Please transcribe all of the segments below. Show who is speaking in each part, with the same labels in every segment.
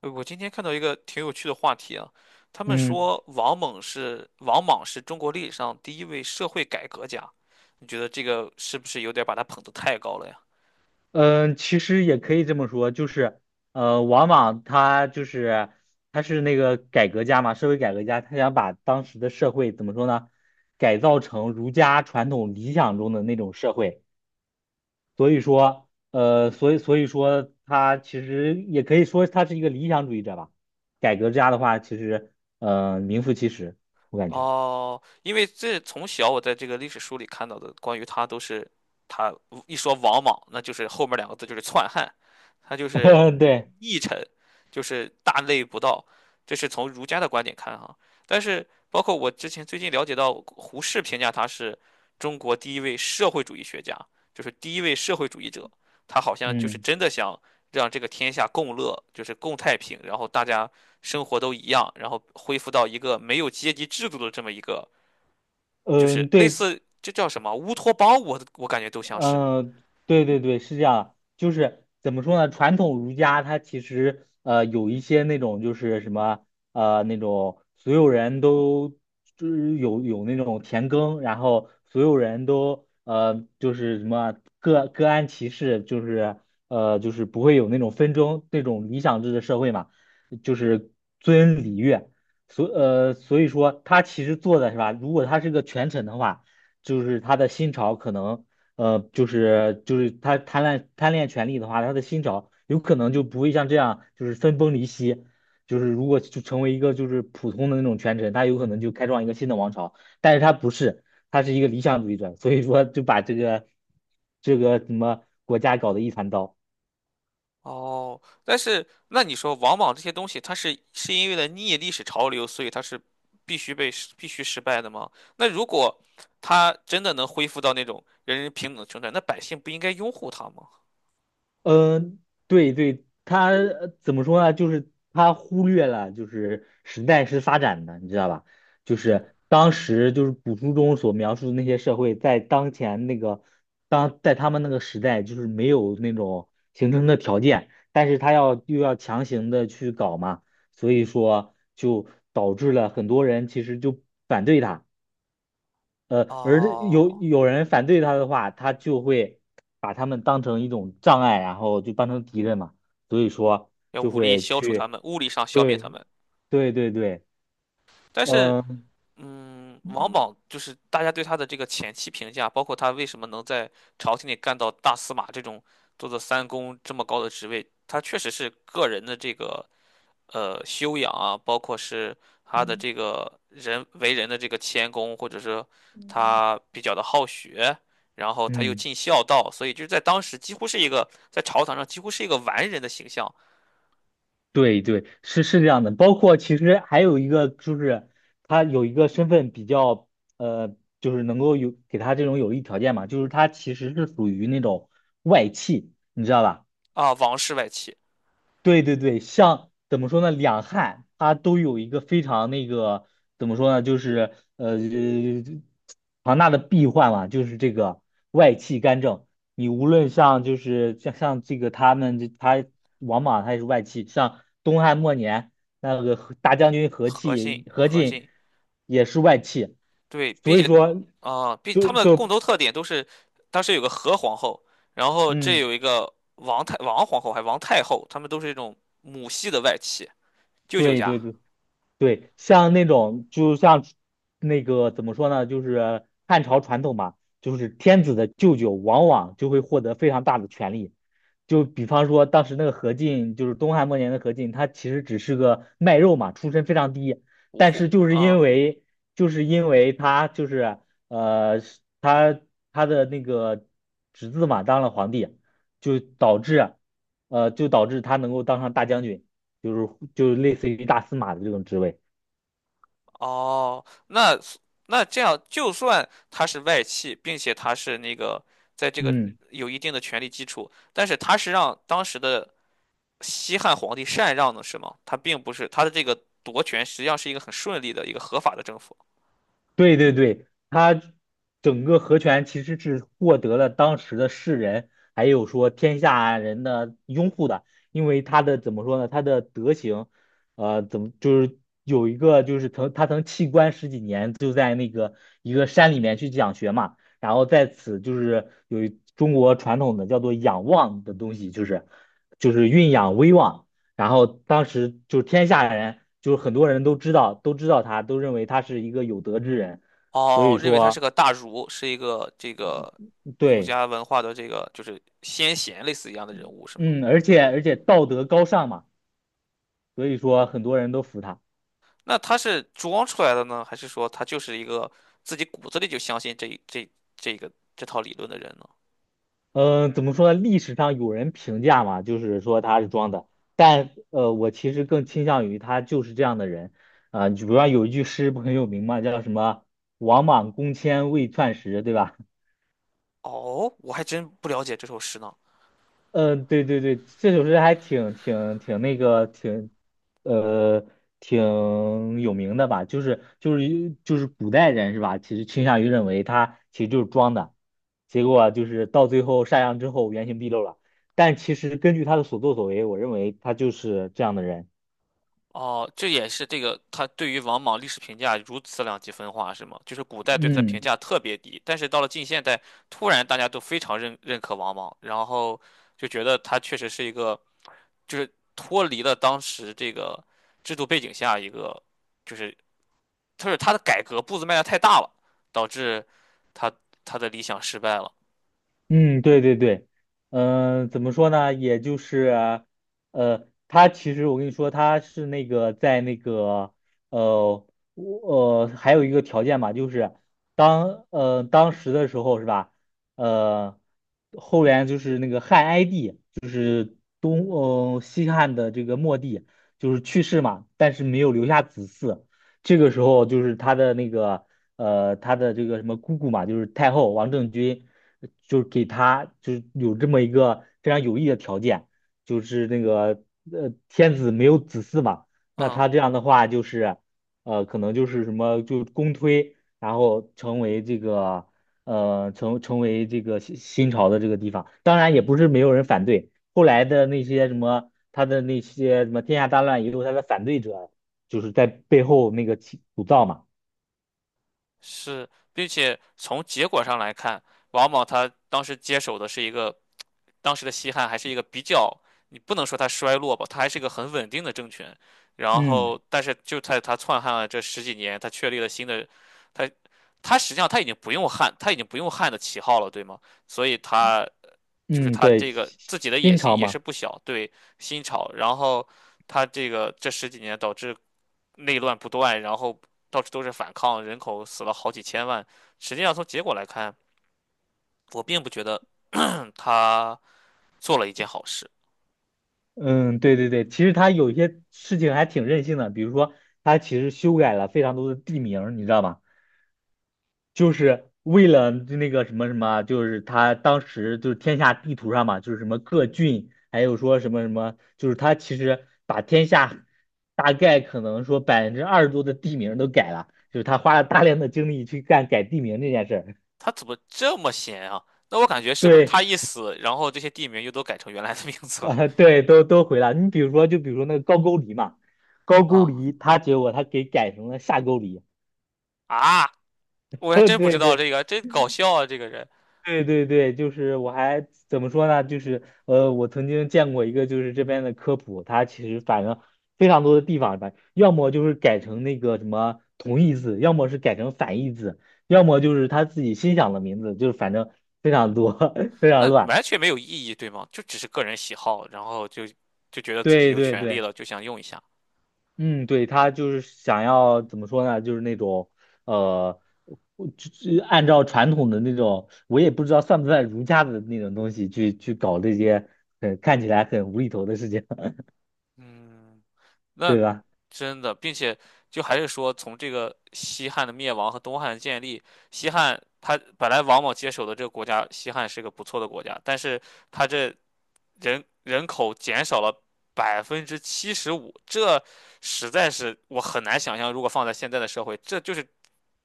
Speaker 1: 我今天看到一个挺有趣的话题啊，他们
Speaker 2: 嗯
Speaker 1: 说王莽是中国历史上第一位社会改革家，你觉得这个是不是有点把他捧得太高了呀？
Speaker 2: 嗯，其实也可以这么说，就是王莽他就是他是那个改革家嘛，社会改革家，他想把当时的社会怎么说呢，改造成儒家传统理想中的那种社会。所以说，所以说他其实也可以说他是一个理想主义者吧。改革家的话，其实名副其实，我感觉。
Speaker 1: 哦，因为这从小我在这个历史书里看到的关于他都是，他一说王莽，那就是后面两个字就是篡汉，他就是
Speaker 2: 对，
Speaker 1: 佚臣，就是大逆不道，这是从儒家的观点看哈。但是包括我之前最近了解到，胡适评价他是中国第一位社会主义学家，就是第一位社会主义者，他好像就是
Speaker 2: 嗯
Speaker 1: 真的想让这个天下共乐，就是共太平，然后大家生活都一样，然后恢复到一个没有阶级制度的这么一个，就是
Speaker 2: 嗯，
Speaker 1: 类
Speaker 2: 对。
Speaker 1: 似这叫什么乌托邦，我感觉都像是。
Speaker 2: 嗯，对对对，是这样，就是怎么说呢？传统儒家它其实有一些那种就是什么那种所有人都就是有那种田耕，然后所有人都就是什么各各安其事，就是就是不会有那种纷争那种理想制的社会嘛，就是尊礼乐，所以说他其实做的是吧？如果他是个权臣的话。就是他的新朝可能就是他贪婪贪恋权力的话，他的新朝有可能就不会像这样就是分崩离析。就是如果就成为一个就是普通的那种权臣，他有可能就开创一个新的王朝，但是他不是，他是一个理想主义者，所以说就把这个这个什么国家搞得一团糟。
Speaker 1: 哦，但是那你说往往这些东西，它是因为了逆历史潮流，所以它是必须被必须失败的吗？那如果它真的能恢复到那种人人平等的生态，那百姓不应该拥护它吗？
Speaker 2: 嗯，对对，他怎么说呢？就是他忽略了，就是时代是发展的，你知道吧？就是当时就是古书中所描述的那些社会，在当前那个当在他们那个时代，就是没有那种形成的条件，但是他要又要强行的去搞嘛，所以说就导致了很多人其实就反对他。而这有
Speaker 1: 哦，
Speaker 2: 有人反对他的话，他就会把他们当成一种障碍，然后就当成敌人嘛，所以说
Speaker 1: 要
Speaker 2: 就
Speaker 1: 武力
Speaker 2: 会
Speaker 1: 消除他
Speaker 2: 去，
Speaker 1: 们，物理上消灭
Speaker 2: 对，
Speaker 1: 他们，
Speaker 2: 对对对，
Speaker 1: 但是
Speaker 2: 嗯
Speaker 1: 王莽就是大家对他的这个前期评价，包括他为什么能在朝廷里干到大司马这种做到三公这么高的职位，他确实是个人的这个修养啊，包括是他的这个人为人的这个谦恭，或者是他比较的好学，然后他又
Speaker 2: 嗯，
Speaker 1: 尽孝道，所以就是在当时几乎是一个在朝堂上几乎是一个完人的形象。
Speaker 2: 对对，是是这样的。包括其实还有一个就是，他有一个身份比较，呃，就是能够有给他这种有利条件嘛，就是他其实是属于那种外戚，你知道吧？
Speaker 1: 啊，王室外戚，
Speaker 2: 对对对，像怎么说呢，两汉它都有一个非常那个怎么说呢，就是庞大的弊患嘛，就是这个外戚干政。你无论像就是像这个他们这他王莽他也是外戚，像东汉末年那个和大将军
Speaker 1: 何进，
Speaker 2: 何
Speaker 1: 何
Speaker 2: 进
Speaker 1: 进。
Speaker 2: 也是外戚，
Speaker 1: 对，并
Speaker 2: 所以
Speaker 1: 且
Speaker 2: 说
Speaker 1: 啊，并
Speaker 2: 就
Speaker 1: 他们的共
Speaker 2: 就
Speaker 1: 同特点都是，当时有个何皇后，然后这
Speaker 2: 嗯。
Speaker 1: 有一个王皇后，还王太后，他们都是这种母系的外戚，舅舅
Speaker 2: 对
Speaker 1: 家
Speaker 2: 对对对，像那种就像那个怎么说呢，就是汉朝传统嘛，就是天子的舅舅往往就会获得非常大的权力。就比方说当时那个何进，就是东汉末年的何进，他其实只是个卖肉嘛，出身非常低，
Speaker 1: 无
Speaker 2: 但
Speaker 1: 户
Speaker 2: 是就是因
Speaker 1: 啊。
Speaker 2: 为就是因为他就是是他他的那个侄子嘛当了皇帝，就导致就导致他能够当上大将军。就是类似于大司马的这种职位。
Speaker 1: 哦，那这样，就算他是外戚，并且他是那个在这个
Speaker 2: 嗯，
Speaker 1: 有一定的权力基础，但是他是让当时的西汉皇帝禅让的，是吗？他并不是他的这个夺权，实际上是一个很顺利的一个合法的政府。
Speaker 2: 对对对，他整个和权其实是获得了当时的世人还有说天下人的拥护的，因为他的怎么说呢？他的德行，怎么就是有一个就是他曾弃官十几年，一个山里面去讲学嘛，然后在此就是有一中国传统的叫做仰望的东西，就是蕴养威望。然后当时就是天下人，就是很多人都知道，都知道他，都认为他是一个有德之人，所以
Speaker 1: 哦，认为他是
Speaker 2: 说
Speaker 1: 个大儒，是一个这个儒
Speaker 2: 对，
Speaker 1: 家文化的这个就是先贤类似一样的人物，是吗？
Speaker 2: 嗯，而且道德高尚嘛，所以说很多人都服他。
Speaker 1: 那他是装出来的呢，还是说他就是一个自己骨子里就相信这套理论的人呢？
Speaker 2: 嗯，怎么说呢？历史上有人评价嘛，就是说他是装的，但我其实更倾向于他就是这样的人。啊、你比如说有一句诗不很有名嘛，叫什么“王莽公迁为篡时”，对吧？
Speaker 1: 哦，我还真不了解这首诗呢。
Speaker 2: 嗯，对对对，这首诗还挺挺挺那个挺，呃，挺有名的吧？就是古代人是吧？其实倾向于认为他其实就是装的，结果就是到最后上岸之后原形毕露了。但其实根据他的所作所为，我认为他就是这样的人。
Speaker 1: 哦，这也是这个他对于王莽历史评价如此两极分化，是吗？就是古代对他的评
Speaker 2: 嗯。
Speaker 1: 价特别低，但是到了近现代，突然大家都非常认可王莽，然后就觉得他确实是一个，就是脱离了当时这个制度背景下一个，就是就是他的改革步子迈的太大了，导致他他的理想失败了。
Speaker 2: 嗯，对对对，嗯、怎么说呢？也就是啊，他其实我跟你说，他是那个在那个，呃，还有一个条件嘛，就是当时的时候是吧？呃，后援就是那个汉哀帝。西汉的这个末帝就是去世嘛，但是没有留下子嗣。这个时候就是他的那个他的这个什么姑姑嘛，就是太后王政君，就是给他就是有这么一个非常有益的条件，就是那个天子没有子嗣嘛，那
Speaker 1: 嗯。
Speaker 2: 他这样的话就是可能就是什么就公推，然后成为这个。成为这个新朝的这个地方，当然也不是没有人反对，后来的那些什么，他的那些什么天下大乱，一有他的反对者，就是在背后那个起鼓噪嘛。
Speaker 1: 是，并且从结果上来看，王莽他当时接手的是一个，当时的西汉还是一个比较，你不能说它衰落吧，它还是一个很稳定的政权。然
Speaker 2: 嗯
Speaker 1: 后，但是就在他篡汉了这十几年，他确立了新的，他他实际上他已经不用汉的旗号了，对吗？所以他就是
Speaker 2: 嗯，
Speaker 1: 他
Speaker 2: 对，
Speaker 1: 这个自己的野
Speaker 2: 新
Speaker 1: 心
Speaker 2: 朝
Speaker 1: 也是
Speaker 2: 嘛。
Speaker 1: 不小，对新朝。然后他这个这十几年导致内乱不断，然后到处都是反抗，人口死了好几千万。实际上从结果来看，我并不觉得 他做了一件好事。
Speaker 2: 嗯，对对对，其实他有一些事情还挺任性的，比如说他其实修改了非常多的地名，你知道吗？就是为了那个什么什么啊，就是他当时就是天下地图上嘛，就是什么各郡，还有说什么什么，就是他其实把天下大概可能说百分之二十多的地名都改了，就是他花了大量的精力去干改地名这件事儿。
Speaker 1: 他怎么这么闲啊？那我感觉是不是
Speaker 2: 对，
Speaker 1: 他一死，然后这些地名又都改成原来的名 字了
Speaker 2: 对，都都回了。你比如说，就比如说那个高句丽嘛，高句
Speaker 1: 啊
Speaker 2: 丽，他结果他给改成了下句丽。
Speaker 1: 啊！我还 真不知
Speaker 2: 对
Speaker 1: 道
Speaker 2: 对，
Speaker 1: 这个，真搞笑啊！这个人，
Speaker 2: 对对对，就是我还怎么说呢？就是我曾经见过一个，就是这边的科普，它其实反正非常多的地方吧，要么就是改成那个什么同义字，要么是改成反义字，要么就是他自己心想的名字，就是反正非常多，非常
Speaker 1: 那
Speaker 2: 乱。
Speaker 1: 完全没有意义，对吗？就只是个人喜好，然后就觉得自己
Speaker 2: 对
Speaker 1: 有
Speaker 2: 对
Speaker 1: 权利
Speaker 2: 对。
Speaker 1: 了，就想用一下。
Speaker 2: 嗯，对，他就是想要怎么说呢？就是那种，呃，我就按照传统的那种，我也不知道算不算儒家的那种东西去搞这些，看起来很无厘头的事情，
Speaker 1: 嗯。那
Speaker 2: 对吧？
Speaker 1: 真的，并且就还是说，从这个西汉的灭亡和东汉的建立，西汉他本来王莽接手的这个国家，西汉是个不错的国家，但是他这人口减少了75%，这实在是我很难想象，如果放在现在的社会，这就是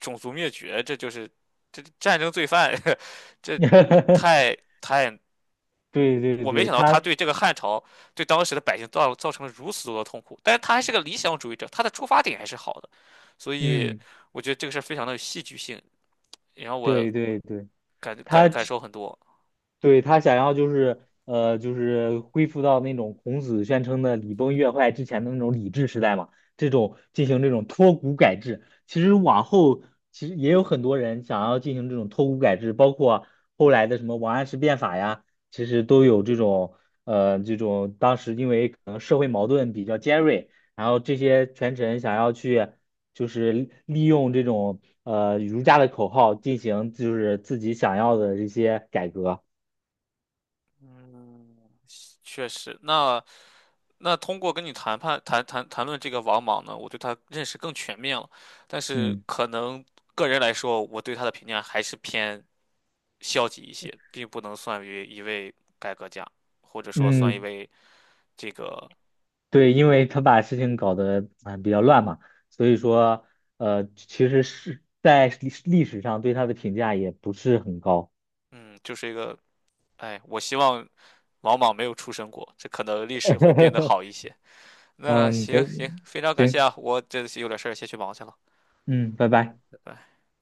Speaker 1: 种族灭绝，这就是这战争罪犯，这 太太
Speaker 2: 对对
Speaker 1: 我没
Speaker 2: 对，
Speaker 1: 想到他
Speaker 2: 他，
Speaker 1: 对这个汉朝、对当时的百姓造成了如此多的痛苦，但是他还是个理想主义者，他的出发点还是好的，所以
Speaker 2: 嗯，
Speaker 1: 我觉得这个事儿非常的有戏剧性，也让我
Speaker 2: 对对对，
Speaker 1: 感感
Speaker 2: 他
Speaker 1: 感受很多。
Speaker 2: 对，他想要就是就是恢复到那种孔子宣称的礼崩乐坏之前的那种礼制时代嘛，这种进行这种脱古改制。其实往后其实也有很多人想要进行这种脱古改制，包括后来的什么王安石变法呀，其实都有这种这种当时因为可能社会矛盾比较尖锐，然后这些权臣想要去就是利用这种儒家的口号进行就是自己想要的这些改革。
Speaker 1: 嗯，确实，那通过跟你谈判谈谈谈论这个王莽呢，我对他认识更全面了，但是
Speaker 2: 嗯
Speaker 1: 可能个人来说，我对他的评价还是偏消极一些，并不能算于一位改革家，或者说算一
Speaker 2: 嗯，
Speaker 1: 位这个
Speaker 2: 对，因为他把事情搞得啊、比较乱嘛，所以说其实是在历史上对他的评价也不是很高。
Speaker 1: 嗯，就是一个哎，我希望王莽没有出生过，这可能历史会变得好 一些。那
Speaker 2: 嗯，
Speaker 1: 行
Speaker 2: 对，
Speaker 1: 行，非常感
Speaker 2: 行，
Speaker 1: 谢啊，我这有点事儿，先去忙去了，
Speaker 2: 嗯，拜拜。
Speaker 1: 拜拜。